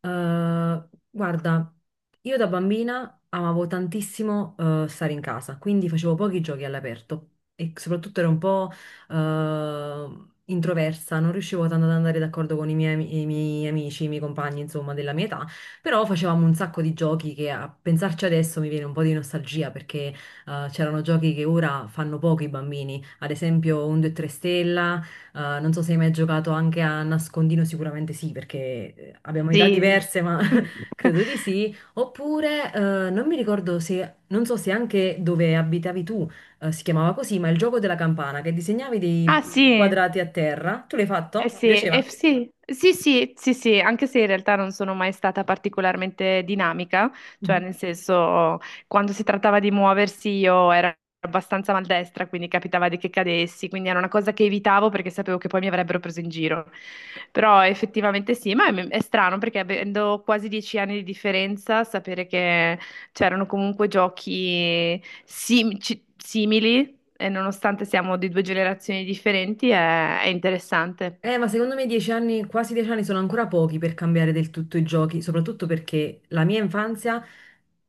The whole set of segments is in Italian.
Guarda, io da bambina amavo tantissimo stare in casa, quindi facevo pochi giochi all'aperto e soprattutto ero un po' introversa, non riuscivo tanto ad andare d'accordo con i miei, i miei amici, i miei compagni, insomma, della mia età, però facevamo un sacco di giochi che a pensarci adesso mi viene un po' di nostalgia perché c'erano giochi che ora fanno poco i bambini, ad esempio un 2 3 stella. Non so se hai mai giocato anche a nascondino, sicuramente sì, perché abbiamo età Sì. diverse, ma credo di sì. Oppure, non mi ricordo se, non so se anche dove abitavi tu, si chiamava così, ma il gioco della campana, che disegnavi dei Ah sì. quadrati a terra. Tu l'hai Eh fatto? Ti sì, piaceva? eh sì, sì, sì, sì, sì, anche se in realtà non sono mai stata particolarmente dinamica, cioè nel senso, quando si trattava di muoversi io ero abbastanza maldestra, quindi capitava di che cadessi, quindi era una cosa che evitavo perché sapevo che poi mi avrebbero preso in giro. Però effettivamente sì, ma è strano perché avendo quasi 10 anni di differenza, sapere che c'erano comunque giochi simili e nonostante siamo di due generazioni differenti è interessante. Ma secondo me 10 anni, quasi 10 anni sono ancora pochi per cambiare del tutto i giochi, soprattutto perché la mia infanzia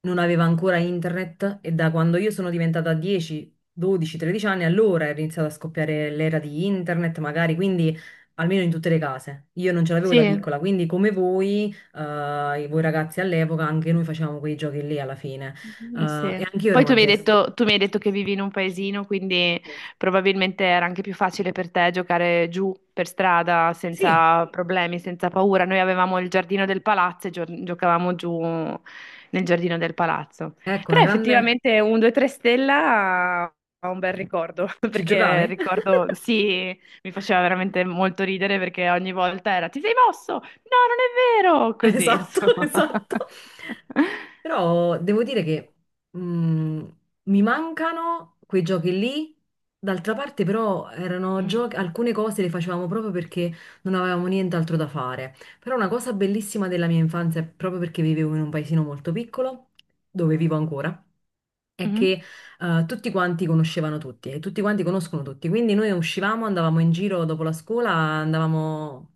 non aveva ancora internet e da quando io sono diventata 10, 12, 13 anni, allora è iniziata a scoppiare l'era di internet, magari, quindi almeno in tutte le case. Io non ce l'avevo da Sì, piccola, quindi come voi, voi ragazzi all'epoca, anche noi facevamo quei giochi lì alla fine. Mm, sì. E anche io ero Poi tu mi hai maldestra. detto, tu mi hai detto che vivi in un paesino, quindi Sì, probabilmente era anche più facile per te giocare giù per strada sì, senza problemi, senza paura. Noi avevamo il giardino del palazzo e giocavamo giù nel giardino del palazzo. ecco, una Però grande... effettivamente un 2-3 stella ha un bel ricordo, Ci perché giocavi? ricordo, sì, mi faceva veramente molto ridere perché ogni volta era: "Ti sei mosso?" "No, non è vero!" Così, Esatto, insomma. esatto. Però devo dire che mm, mi mancano quei giochi lì. D'altra parte, però, erano Mm. giochi, alcune cose le facevamo proprio perché non avevamo nient'altro da fare. Però una cosa bellissima della mia infanzia, proprio perché vivevo in un paesino molto piccolo, dove vivo ancora è Mhm. che tutti quanti conoscevano tutti e tutti quanti conoscono tutti. Quindi noi uscivamo, andavamo in giro dopo la scuola, andavamo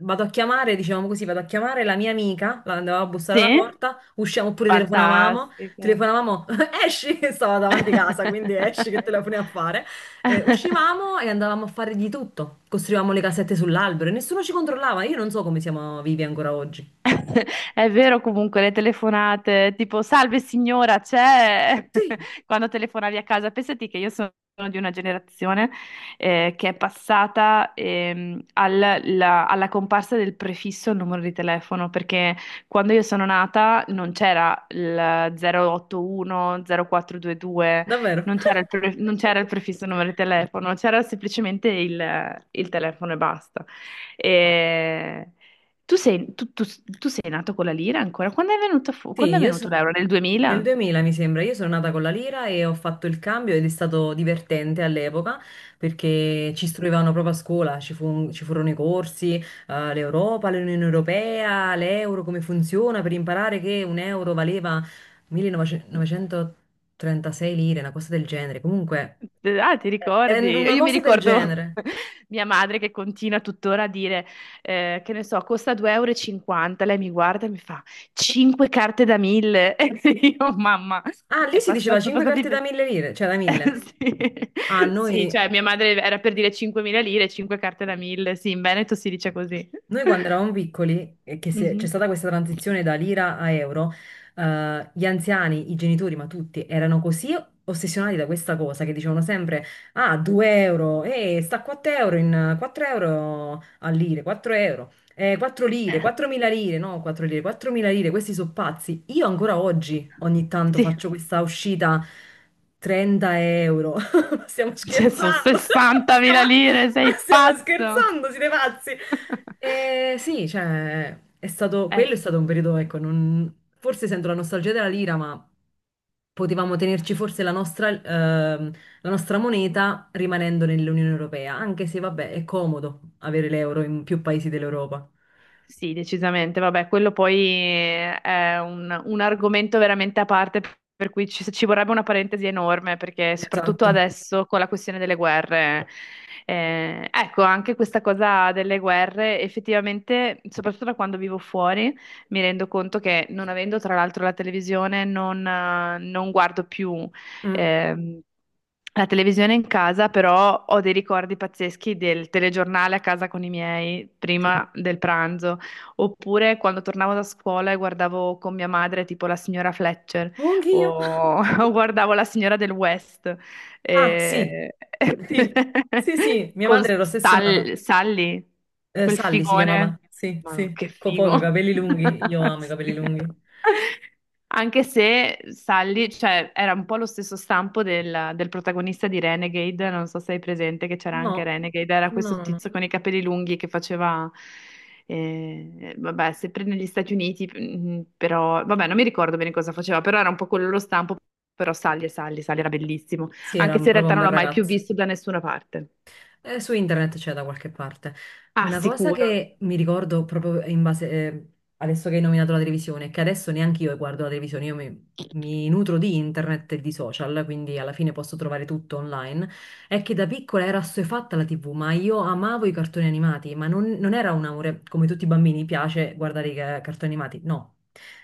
vado a chiamare, diciamo così, vado a chiamare la mia amica, la andavo a bussare Sì? alla Cioè, porta, usciamo oppure telefonavamo, fantastico. telefonavamo, esci, stava davanti casa, quindi esci che telefoni a fare. Uscivamo e andavamo a fare di tutto, costruivamo le casette sull'albero e nessuno ci controllava, io non so come siamo vivi ancora oggi. È vero, comunque le telefonate, tipo: "Salve signora, c'è..." Sì, quando telefonavi a casa. Pensati che io sono di una generazione che è passata, alla comparsa del prefisso al numero di telefono, perché quando io sono nata non c'era il 081, 0422, davvero. non c'era non c'era il prefisso numero di telefono, c'era semplicemente il telefono e basta. E- tu sei, tu- tu- tu sei nato con la lira ancora? Sì, Quando è venuto l'euro? Nel nel 2000? 2000 mi sembra, io sono nata con la lira e ho fatto il cambio ed è stato divertente all'epoca perché ci istruivano proprio a scuola, ci furono i corsi, l'Europa, l'Unione Europea, l'euro, come funziona per imparare che un euro valeva 1936 lire, una cosa del genere. Comunque, Ah, ti è ricordi? una Io mi cosa del ricordo genere. mia madre che continua tuttora a dire, che ne so, costa 2,50 euro. E cinquanta. Lei mi guarda e mi fa 5 carte da 1000. E io: "Mamma, Ah, lì è si passato, diceva sono 5 passati... carte da ve- 1000 lire, cioè da 1000. Sì. Ah, Sì, noi, cioè mia madre era per dire 5.000 lire, 5 carte da 1000. Sì, in Veneto si dice così. Noi quando eravamo piccoli, e che se- c'è Mhm. stata questa transizione da lira a euro, gli anziani, i genitori, ma tutti, erano così ossessionati da questa cosa che dicevano sempre, ah, 2 euro, e sta a 4 euro, in 4 euro a lire, 4 euro, 4 lire, Eh, 4.000 lire, no, 4 lire, 4.000 lire, questi sono pazzi. Io ancora oggi ogni tanto sì. faccio questa uscita 30 euro, stiamo Cioè, sono scherzando, stiamo, 60.000 lire, sei stiamo pazzo? scherzando, siete pazzi. Sì, cioè, è stato, Eh, quello è stato un periodo, ecco, forse sento la nostalgia della lira, ma potevamo tenerci forse la nostra moneta rimanendo nell'Unione Europea, anche se, vabbè, è comodo avere l'euro in più paesi dell'Europa. sì, decisamente. Vabbè, quello poi è un argomento veramente a parte, per cui ci vorrebbe una parentesi enorme, perché soprattutto Esatto. adesso con la questione delle guerre. Eh, ecco, anche questa cosa delle guerre, effettivamente, soprattutto da quando vivo fuori, mi rendo conto che non avendo tra l'altro la televisione, non non guardo più Mm, ehm, la televisione in casa, però ho dei ricordi pazzeschi del telegiornale a casa con i miei sì. prima del pranzo, oppure quando tornavo da scuola e guardavo con mia madre tipo la Signora Fletcher Oh, anch'io. o, o guardavo la Signora del West. Ah, sì, E- sì, sì, sì, mia con madre era ossessionata. Sally, quel Sally si chiamava, figone. sì, Ma no, sì, che con poco, i figo. capelli lunghi, io amo i capelli Sì. lunghi. Anche se Sally, cioè, era un po' lo stesso stampo del protagonista di Renegade, non so se hai presente che c'era anche No, Renegade, era no, questo no, no. tizio con i capelli lunghi che faceva, vabbè, sempre negli Stati Uniti, mm, però, vabbè, non mi ricordo bene cosa faceva, però era un po' quello lo stampo, però Sally era bellissimo Sì, era anche se in proprio realtà un non bel l'ho mai più ragazzo. visto da nessuna parte. Su internet c'è da qualche parte. Ah, Una cosa sicuro. che mi ricordo proprio in base, adesso che hai nominato la televisione, che adesso neanche io guardo la televisione, io mi nutro di internet e di social, quindi alla fine posso trovare tutto online, è che da piccola era assuefatta la TV, ma io amavo i cartoni animati, ma non era un amore, come tutti i bambini piace guardare i cartoni animati, no.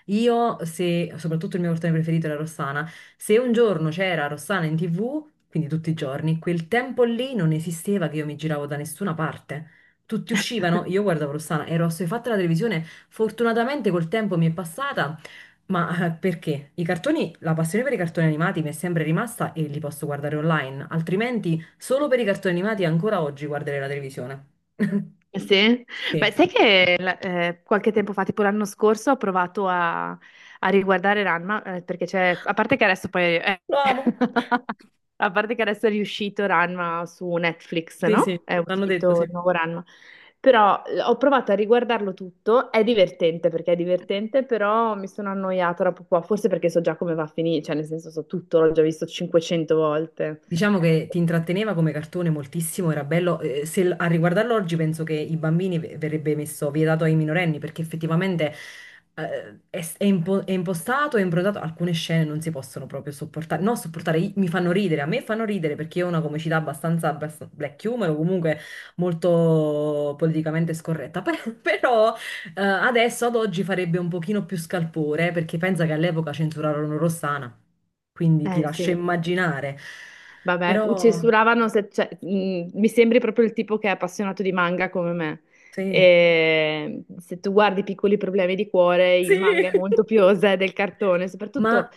Io, se, Soprattutto il mio cartone preferito era Rossana, se un giorno c'era Rossana in TV, quindi tutti i giorni, quel tempo lì non esisteva che io mi giravo da nessuna parte. Tutti uscivano, io guardavo Rossana, ero assuefatta alla televisione. Fortunatamente col tempo mi è passata, ma perché? I cartoni, la passione per i cartoni animati mi è sempre rimasta e li posso guardare online, altrimenti solo per i cartoni animati ancora oggi guarderei la televisione. Sì, beh, Sì, sai che qualche tempo fa, tipo l'anno scorso, ho provato a riguardare Ranma, perché c'è, a parte che adesso poi, lo amo. a parte che adesso è riuscito Ranma su Netflix, Sì, sì, no? È l'hanno detto, uscito sì. il nuovo Ranma, però ho provato a riguardarlo tutto, è divertente perché è divertente, però mi sono annoiata dopo qua, forse perché so già come va a finire, cioè nel senso so tutto, l'ho già visto 500 volte. Diciamo che ti intratteneva come cartone moltissimo, era bello. Se l- A riguardarlo oggi penso che i bambini verrebbe messo vietato ai minorenni perché effettivamente è impostato e improntato. Alcune scene non si possono proprio sopportare. No, sopportare, mi fanno ridere, a me fanno ridere perché ho una comicità abbastanza, black humor o comunque molto politicamente scorretta. Però adesso ad oggi farebbe un pochino più scalpore perché pensa che all'epoca censurarono Rossana, quindi ti Eh lascio sì. immaginare. Vabbè, Però censuravano se, cioè, mi sembri proprio il tipo che è appassionato di manga come me. sì, E se tu guardi Piccoli problemi di cuore, sì. il manga è molto più osè del cartone, soprattutto Ma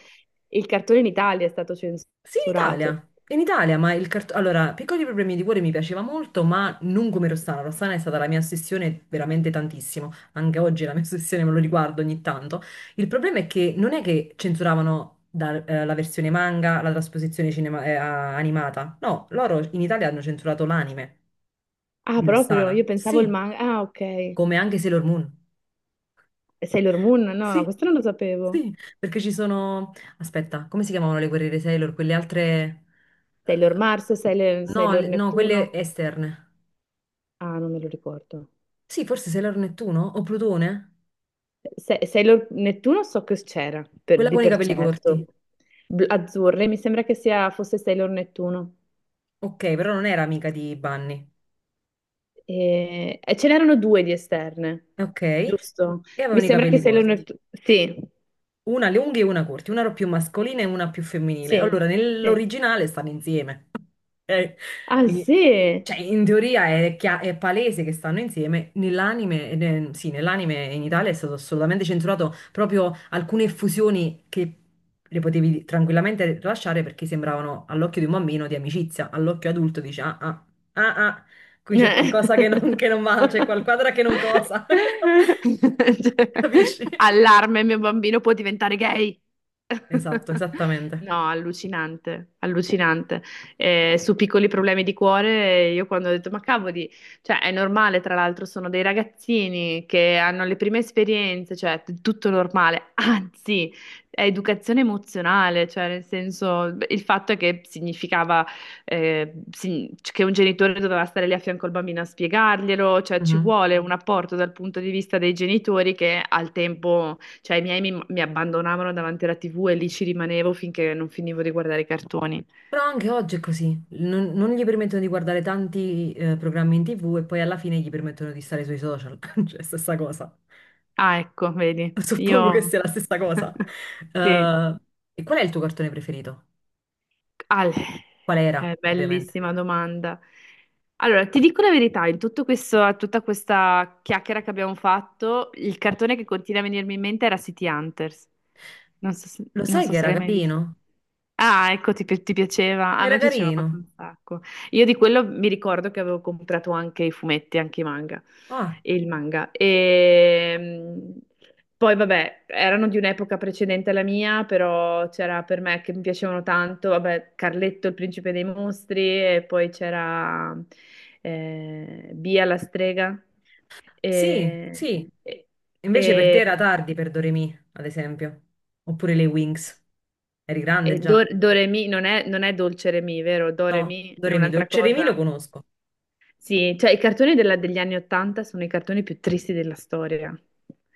il cartone in Italia è stato sì, in censurato. Italia. In Italia, ma il cartone... Allora, Piccoli problemi di cuore mi piaceva molto, ma non come Rossana. Rossana è stata la mia ossessione veramente tantissimo. Anche oggi è la mia ossessione, me lo riguardo ogni tanto. Il problema è che non è che censuravano la versione manga, la trasposizione animata. No, loro in Italia hanno censurato l'anime Ah, di proprio? Rossana. Io pensavo il Sì, manga. Ah, ok. E come anche Sailor Moon. Sailor Moon? No, no, Sì, questo non lo sapevo. sì, perché ci sono... Aspetta, come si chiamavano le guerriere Sailor? Quelle altre... eh, Sailor Mars, Sailor, no, Sailor no, quelle Neptuno? esterne. Ah, non me lo ricordo. Sì, forse Sailor Nettuno o Plutone? Sailor Nettuno so che c'era, Quella di con i per capelli certo. corti. Azzurre, mi sembra che sia, fosse Sailor Nettuno. Ok, però non era amica di Bunny. E ce n'erano due di esterne, Ok, giusto? e Mi avevano i sembra che capelli Sailor corti. Nettuno... Sì, Una alle unghie e una corti, una più mascolina e una più femminile. sì, Allora, sì. nell'originale stanno insieme. Ok? Ah, In- sì? cioè, in teoria è palese che stanno insieme. Nell'anime, sì, nell'anime in Italia è stato assolutamente censurato proprio alcune effusioni che le potevi tranquillamente lasciare perché sembravano all'occhio di un bambino di amicizia, all'occhio adulto dice ah ah ah ah, qui c'è Cioè, qualcosa che non va, c'è qualquadra che non cosa. Capisci? allarme, mio bambino può diventare gay. Esatto, esattamente. No, allucinante, allucinante. Su Piccoli problemi di cuore, io quando ho detto, ma cavoli, cioè è normale, tra l'altro sono dei ragazzini che hanno le prime esperienze, cioè tutto normale, anzi, è educazione emozionale, cioè nel senso, beh, il fatto è che significava che un genitore doveva stare lì a fianco al bambino a spiegarglielo, cioè ci Mhm. vuole un apporto dal punto di vista dei genitori che al tempo, cioè i miei mi abbandonavano davanti alla TV e lì ci rimanevo finché non finivo di guardare i cartoni. Però anche oggi è così, non gli permettono di guardare tanti programmi in TV e poi alla fine gli permettono di stare sui social, cioè stessa cosa. Ah, ecco, vedi, Suppongo che io... sia la stessa cosa. Sì. Eh, e qual è il tuo cartone preferito? Ale, Qual era, è ovviamente? bellissima domanda. Allora, ti dico la verità, in tutto questo, tutta questa chiacchiera che abbiamo fatto, il cartone che continua a venirmi in mente era City Hunters. Non so se, Lo non sai so che se era l'hai mai visto. carino? Ah, ecco, ti piaceva. A Era me piaceva carino. proprio un sacco. Io di quello mi ricordo che avevo comprato anche i fumetti, anche i manga. Ah, E il manga. E... Poi, vabbè, erano di un'epoca precedente alla mia, però c'era per me che mi piacevano tanto, vabbè, Carletto, il principe dei mostri, e poi c'era Bia la strega. sì, E, sì. e, Invece per te e- era tardi per Doremi, ad esempio. Oppure le Wings. Eri grande e Do, già? Doremi non è Dolce Remi, vero? No, Doremi è Doremi, un'altra Dolce Remi cosa. lo conosco. Sì, cioè i cartoni degli anni Ottanta sono i cartoni più tristi della storia.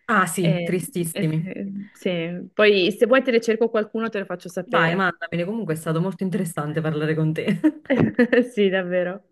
Ah sì, Eh, eh, tristissimi. eh, sì. Poi se vuoi te ne cerco qualcuno, te lo faccio Vai, sapere. mandameli, comunque è stato molto interessante parlare con te. Sì, davvero.